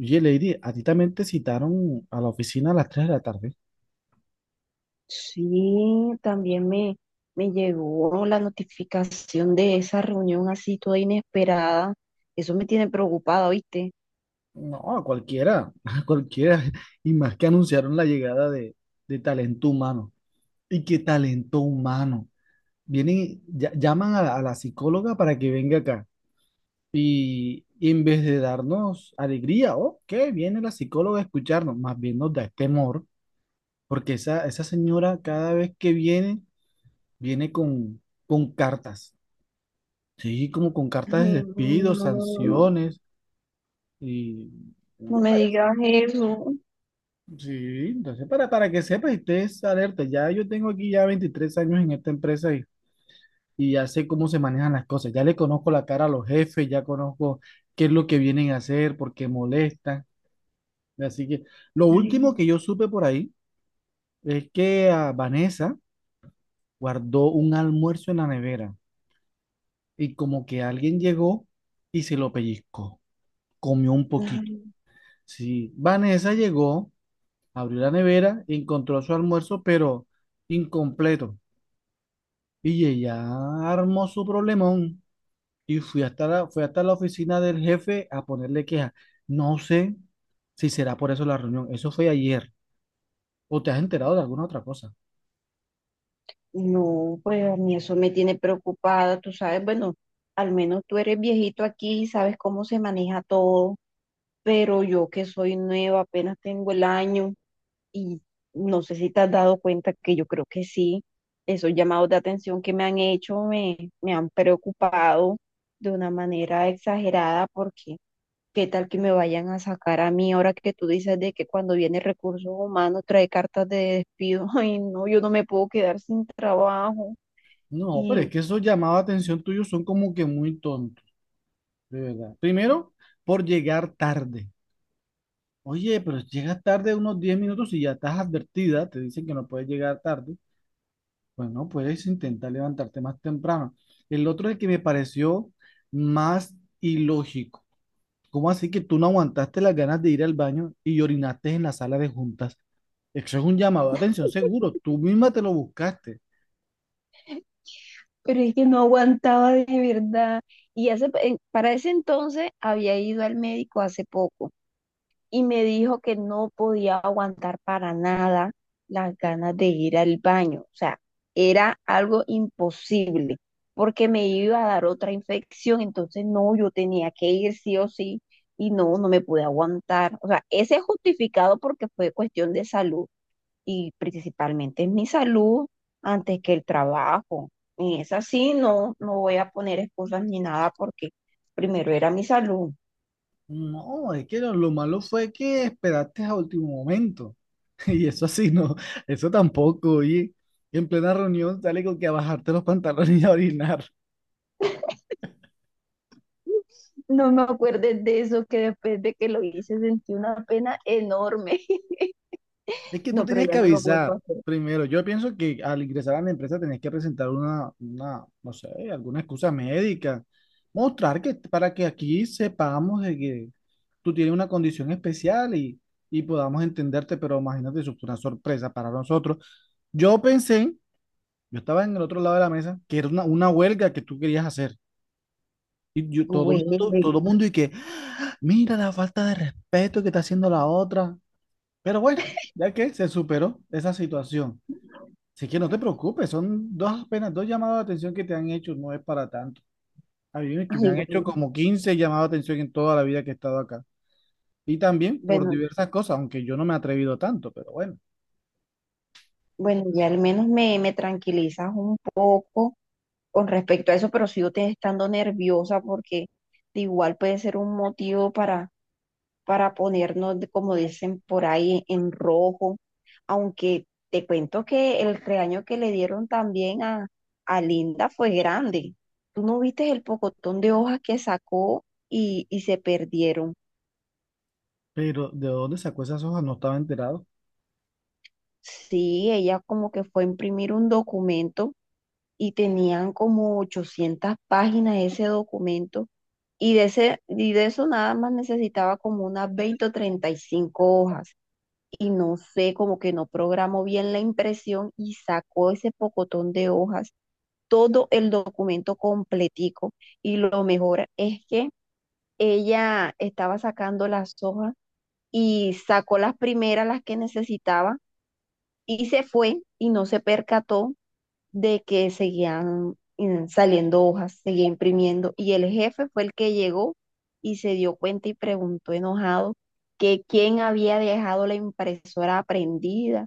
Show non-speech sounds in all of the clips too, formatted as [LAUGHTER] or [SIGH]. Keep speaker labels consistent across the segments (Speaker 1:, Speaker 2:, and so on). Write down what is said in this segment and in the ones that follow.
Speaker 1: Oye, Lady, ¿a ti también te citaron a la oficina a las 3 de la tarde?
Speaker 2: Sí, también me llegó la notificación de esa reunión así toda inesperada. Eso me tiene preocupada, ¿oíste?
Speaker 1: No, a cualquiera, [LAUGHS] a cualquiera. Y más que anunciaron la llegada de talento humano. ¿Y qué talento humano? Vienen, y llaman a la psicóloga para que venga acá. Y en vez de darnos alegría, oh, ¿qué? Viene la psicóloga a escucharnos, más bien nos da este temor, porque esa señora cada vez que viene, viene con cartas. Sí, como con cartas de
Speaker 2: Ay,
Speaker 1: despido,
Speaker 2: no,
Speaker 1: sanciones. Y no
Speaker 2: no
Speaker 1: me
Speaker 2: me
Speaker 1: parece.
Speaker 2: digas eso.
Speaker 1: Sí, entonces para que sepa y estés alerta, ya yo tengo aquí ya 23 años en esta empresa y ya sé cómo se manejan las cosas, ya le conozco la cara a los jefes, ya conozco qué es lo que vienen a hacer, por qué molestan. Así que lo último
Speaker 2: Ay,
Speaker 1: que yo supe por ahí es que a Vanessa guardó un almuerzo en la nevera y como que alguien llegó y se lo pellizcó, comió un poquito.
Speaker 2: ay,
Speaker 1: Sí, Vanessa llegó, abrió la nevera, encontró su almuerzo, pero incompleto. Y ella armó su problemón y fue hasta la oficina del jefe a ponerle queja. No sé si será por eso la reunión. Eso fue ayer. ¿O te has enterado de alguna otra cosa?
Speaker 2: no, pues a mí eso me tiene preocupada, tú sabes, bueno, al menos tú eres viejito aquí y sabes cómo se maneja todo, pero yo que soy nueva, apenas tengo el año. Y no sé si te has dado cuenta que yo creo que sí, esos llamados de atención que me han hecho me han preocupado de una manera exagerada porque qué tal que me vayan a sacar a mí ahora que tú dices de que cuando viene recursos humanos trae cartas de despido. [LAUGHS] Ay, no, yo no me puedo quedar sin trabajo.
Speaker 1: No, pero es
Speaker 2: Y,
Speaker 1: que esos llamados de atención tuyos son como que muy tontos, de verdad. Primero, por llegar tarde. Oye, pero llegas tarde unos 10 minutos y ya estás advertida, te dicen que no puedes llegar tarde. Bueno, puedes intentar levantarte más temprano. El otro es que me pareció más ilógico. ¿Cómo así que tú no aguantaste las ganas de ir al baño y orinaste en la sala de juntas? Eso es un llamado de atención seguro. Tú misma te lo buscaste.
Speaker 2: pero es que no aguantaba de verdad. Y para ese entonces había ido al médico hace poco y me dijo que no podía aguantar para nada las ganas de ir al baño. O sea, era algo imposible porque me iba a dar otra infección, entonces no, yo tenía que ir sí o sí y no, no me pude aguantar. O sea, ese es justificado porque fue cuestión de salud y principalmente es mi salud antes que el trabajo. Y es así, no, no voy a poner excusas ni nada porque primero era mi salud.
Speaker 1: No, es que lo malo fue que esperaste a último momento. [LAUGHS] Y eso así no, eso tampoco. Y en plena reunión sale con que a bajarte los pantalones y a orinar.
Speaker 2: No me acuerdes de eso, que después de que lo hice sentí una pena enorme. [LAUGHS]
Speaker 1: Es que tú
Speaker 2: No, pero
Speaker 1: tenías
Speaker 2: ya
Speaker 1: que
Speaker 2: no lo vuelvo a
Speaker 1: avisar
Speaker 2: hacer.
Speaker 1: primero. Yo pienso que al ingresar a la empresa tenías que presentar no sé, alguna excusa médica. Mostrar que para que aquí sepamos de que tú tienes una condición especial y podamos entenderte, pero imagínate, eso fue una sorpresa para nosotros. Yo pensé, yo estaba en el otro lado de la mesa, que era una huelga que tú querías hacer. Y yo,
Speaker 2: Güey, güey.
Speaker 1: todo mundo y que, "Ah, mira la falta de respeto que está haciendo la otra". Pero bueno, ya que se superó esa situación. Así que no te preocupes, son dos, apenas dos llamados de atención que te han hecho, no es para tanto. A mí que me
Speaker 2: Ay,
Speaker 1: han hecho como 15 llamados de atención en toda la vida que he estado acá. Y también por
Speaker 2: bueno,
Speaker 1: diversas cosas, aunque yo no me he atrevido tanto, pero bueno.
Speaker 2: bueno, ya al menos me tranquilizas un poco con respecto a eso, pero sigo te estando nerviosa porque de igual puede ser un motivo para ponernos, de- como dicen por ahí, en rojo. Aunque te cuento que el regaño que le dieron también a Linda fue grande. ¿Tú no viste el pocotón de hojas que sacó y se perdieron?
Speaker 1: Pero ¿de dónde sacó esas hojas? No estaba enterado.
Speaker 2: Sí, ella como que fue a imprimir un documento y tenían como 800 páginas ese documento. Y de eso nada más necesitaba como unas 20 o 35 hojas. Y no sé, como que no programó bien la impresión y sacó ese pocotón de hojas, todo el documento completico. Y lo mejor es que ella estaba sacando las hojas y sacó las primeras, las que necesitaba, y se fue y no se percató de que seguían saliendo hojas, seguía imprimiendo. Y el jefe fue el que llegó y se dio cuenta y preguntó enojado que quién había dejado la impresora prendida.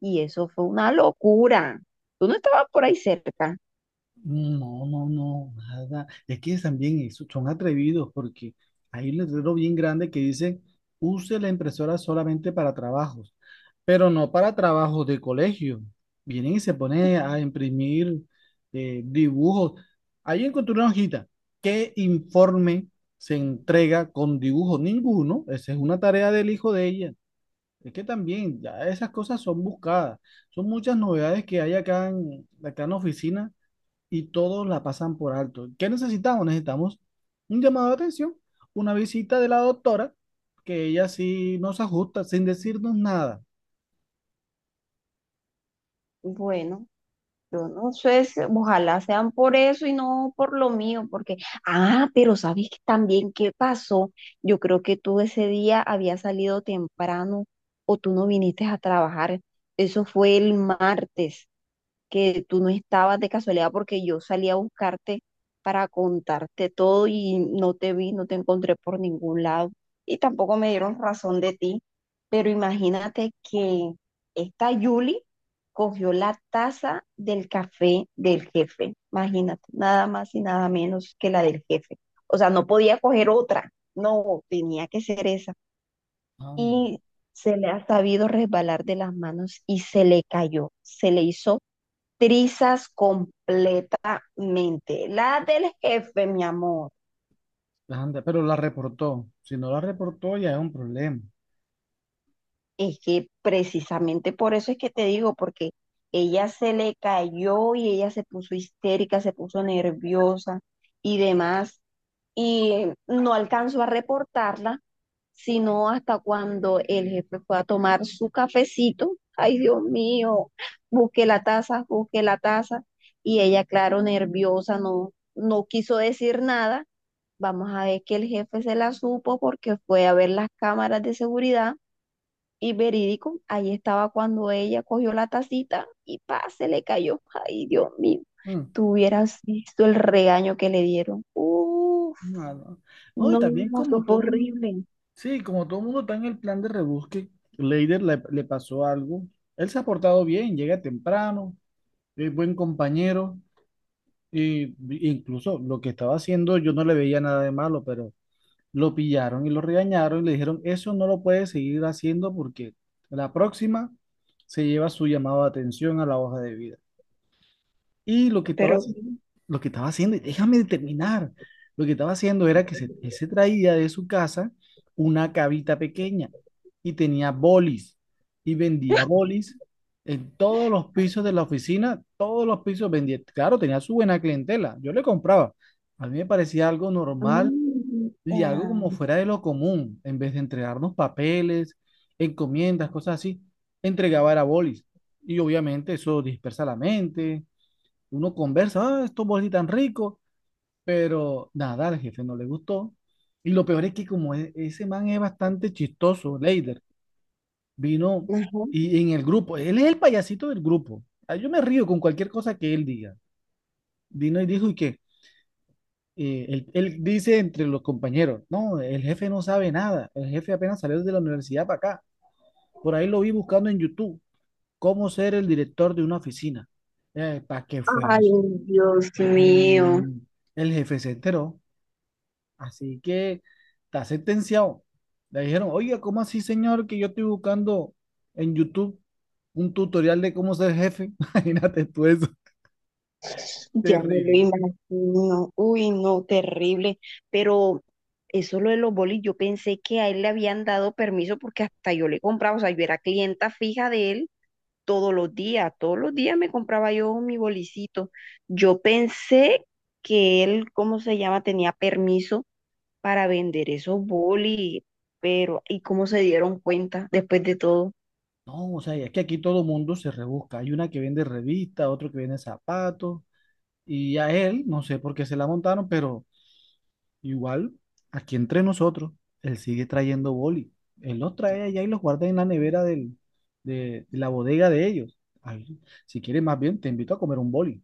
Speaker 2: Y eso fue una locura. Tú no estabas por ahí cerca.
Speaker 1: No, no, no, nada. Es que también son atrevidos porque hay un letrero bien grande que dice, use la impresora solamente para trabajos, pero no para trabajos de colegio. Vienen y se ponen a imprimir dibujos. Ahí encontré una hojita. ¿Qué informe se entrega con dibujo? Ninguno. Esa es una tarea del hijo de ella. Es que también ya esas cosas son buscadas. Son muchas novedades que hay acá en la oficina y todos la pasan por alto. ¿Qué necesitamos? Necesitamos un llamado de atención, una visita de la doctora, que ella sí nos ajusta sin decirnos nada.
Speaker 2: Bueno. Yo no sé, si- ojalá sean por eso y no por lo mío, porque, ah, pero ¿sabes qué también qué pasó? Yo creo que tú ese día habías salido temprano o tú no viniste a trabajar. Eso fue el martes que tú no estabas de casualidad porque yo salí a buscarte para contarte todo y no te vi, no te encontré por ningún lado y tampoco me dieron razón de ti. Pero imagínate que esta Yuli cogió la taza del café del jefe. Imagínate, nada más y nada menos que la del jefe. O sea, no podía coger otra, no, tenía que ser esa.
Speaker 1: Anda,
Speaker 2: Y se le ha sabido resbalar de las manos y se le cayó, se le hizo trizas completamente. La del jefe, mi amor.
Speaker 1: anda, pero la reportó. Si no la reportó, ya es un problema.
Speaker 2: Es que precisamente por eso es que te digo, porque ella se le cayó y ella se puso histérica, se puso nerviosa y demás. Y no alcanzó a reportarla, sino hasta cuando el jefe fue a tomar su cafecito. Ay, Dios mío, busqué la taza, busqué la taza. Y ella, claro, nerviosa, no, no quiso decir nada. Vamos a ver que el jefe se la supo porque fue a ver las cámaras de seguridad y verídico, ahí estaba cuando ella cogió la tacita y pa, se le cayó. Ay, Dios mío,
Speaker 1: Mm,
Speaker 2: tú hubieras visto el regaño que le dieron. Uf,
Speaker 1: no, no. No,
Speaker 2: no,
Speaker 1: y también
Speaker 2: eso fue horrible.
Speaker 1: sí, como todo el mundo está en el plan de rebusque, Leider le pasó algo. Él se ha portado bien, llega temprano, es buen compañero, y incluso lo que estaba haciendo yo no le veía nada de malo, pero lo pillaron y lo regañaron y le dijeron, eso no lo puedes seguir haciendo porque la próxima se lleva su llamado de atención a la hoja de vida. Y lo que
Speaker 2: Pero,
Speaker 1: estaba haciendo, lo que estaba haciendo, y déjame terminar, lo que estaba haciendo era él se traía de su casa una cabita pequeña y tenía bolis y vendía bolis. En todos los pisos de la oficina, todos los pisos vendía. Claro, tenía su buena clientela. Yo le compraba. A mí me parecía algo normal
Speaker 2: amiguita,
Speaker 1: y algo como fuera de lo común, en vez de entregarnos papeles, encomiendas, cosas así, entregaba era bolis. Y obviamente eso dispersa la mente, uno conversa, ah, estos bolis tan ricos, pero nada, al jefe no le gustó. Y lo peor es que como ese man es bastante chistoso, Leider, vino y en el grupo, él es el payasito del grupo. Ah, yo me río con cualquier cosa que él diga. Vino y dijo, ¿y qué? Él dice entre los compañeros, no, el jefe no sabe nada, el jefe apenas salió de la universidad para acá. Por ahí lo vi buscando en YouTube, cómo ser el director de una oficina. ¿Para qué fue
Speaker 2: ay,
Speaker 1: eso?
Speaker 2: Dios mío.
Speaker 1: Y el jefe se enteró, así que está sentenciado. Le dijeron, oiga, ¿cómo así, señor, que yo estoy buscando en YouTube un tutorial de cómo ser jefe? [LAUGHS] Imagínate tú eso,
Speaker 2: Ya me lo
Speaker 1: terrible.
Speaker 2: imagino. Uy, no, terrible. Pero eso lo de los bolis, yo pensé que a él le habían dado permiso porque hasta yo le compraba, o sea, yo era clienta fija de él todos los días me compraba yo mi bolicito. Yo pensé que él, ¿cómo se llama? Tenía permiso para vender esos bolis, pero ¿y cómo se dieron cuenta después de todo?
Speaker 1: No, o sea, y es que aquí todo mundo se rebusca. Hay una que vende revistas, otro que vende zapatos, y a él, no sé por qué se la montaron, pero igual, aquí entre nosotros, él sigue trayendo boli. Él los trae allá y los guarda en la nevera de la bodega de ellos. Ay, si quieres, más bien, te invito a comer un boli.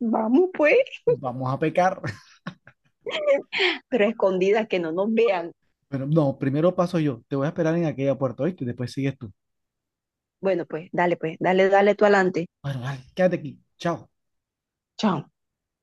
Speaker 2: Vamos pues,
Speaker 1: Vamos a pecar. [LAUGHS]
Speaker 2: pero escondidas que no nos vean.
Speaker 1: Pero no, primero paso yo. Te voy a esperar en aquella puerta, ¿oíste? Después sigues tú.
Speaker 2: Bueno, pues, dale, dale tú adelante.
Speaker 1: Bueno, dale, quédate aquí. Chao.
Speaker 2: Chao.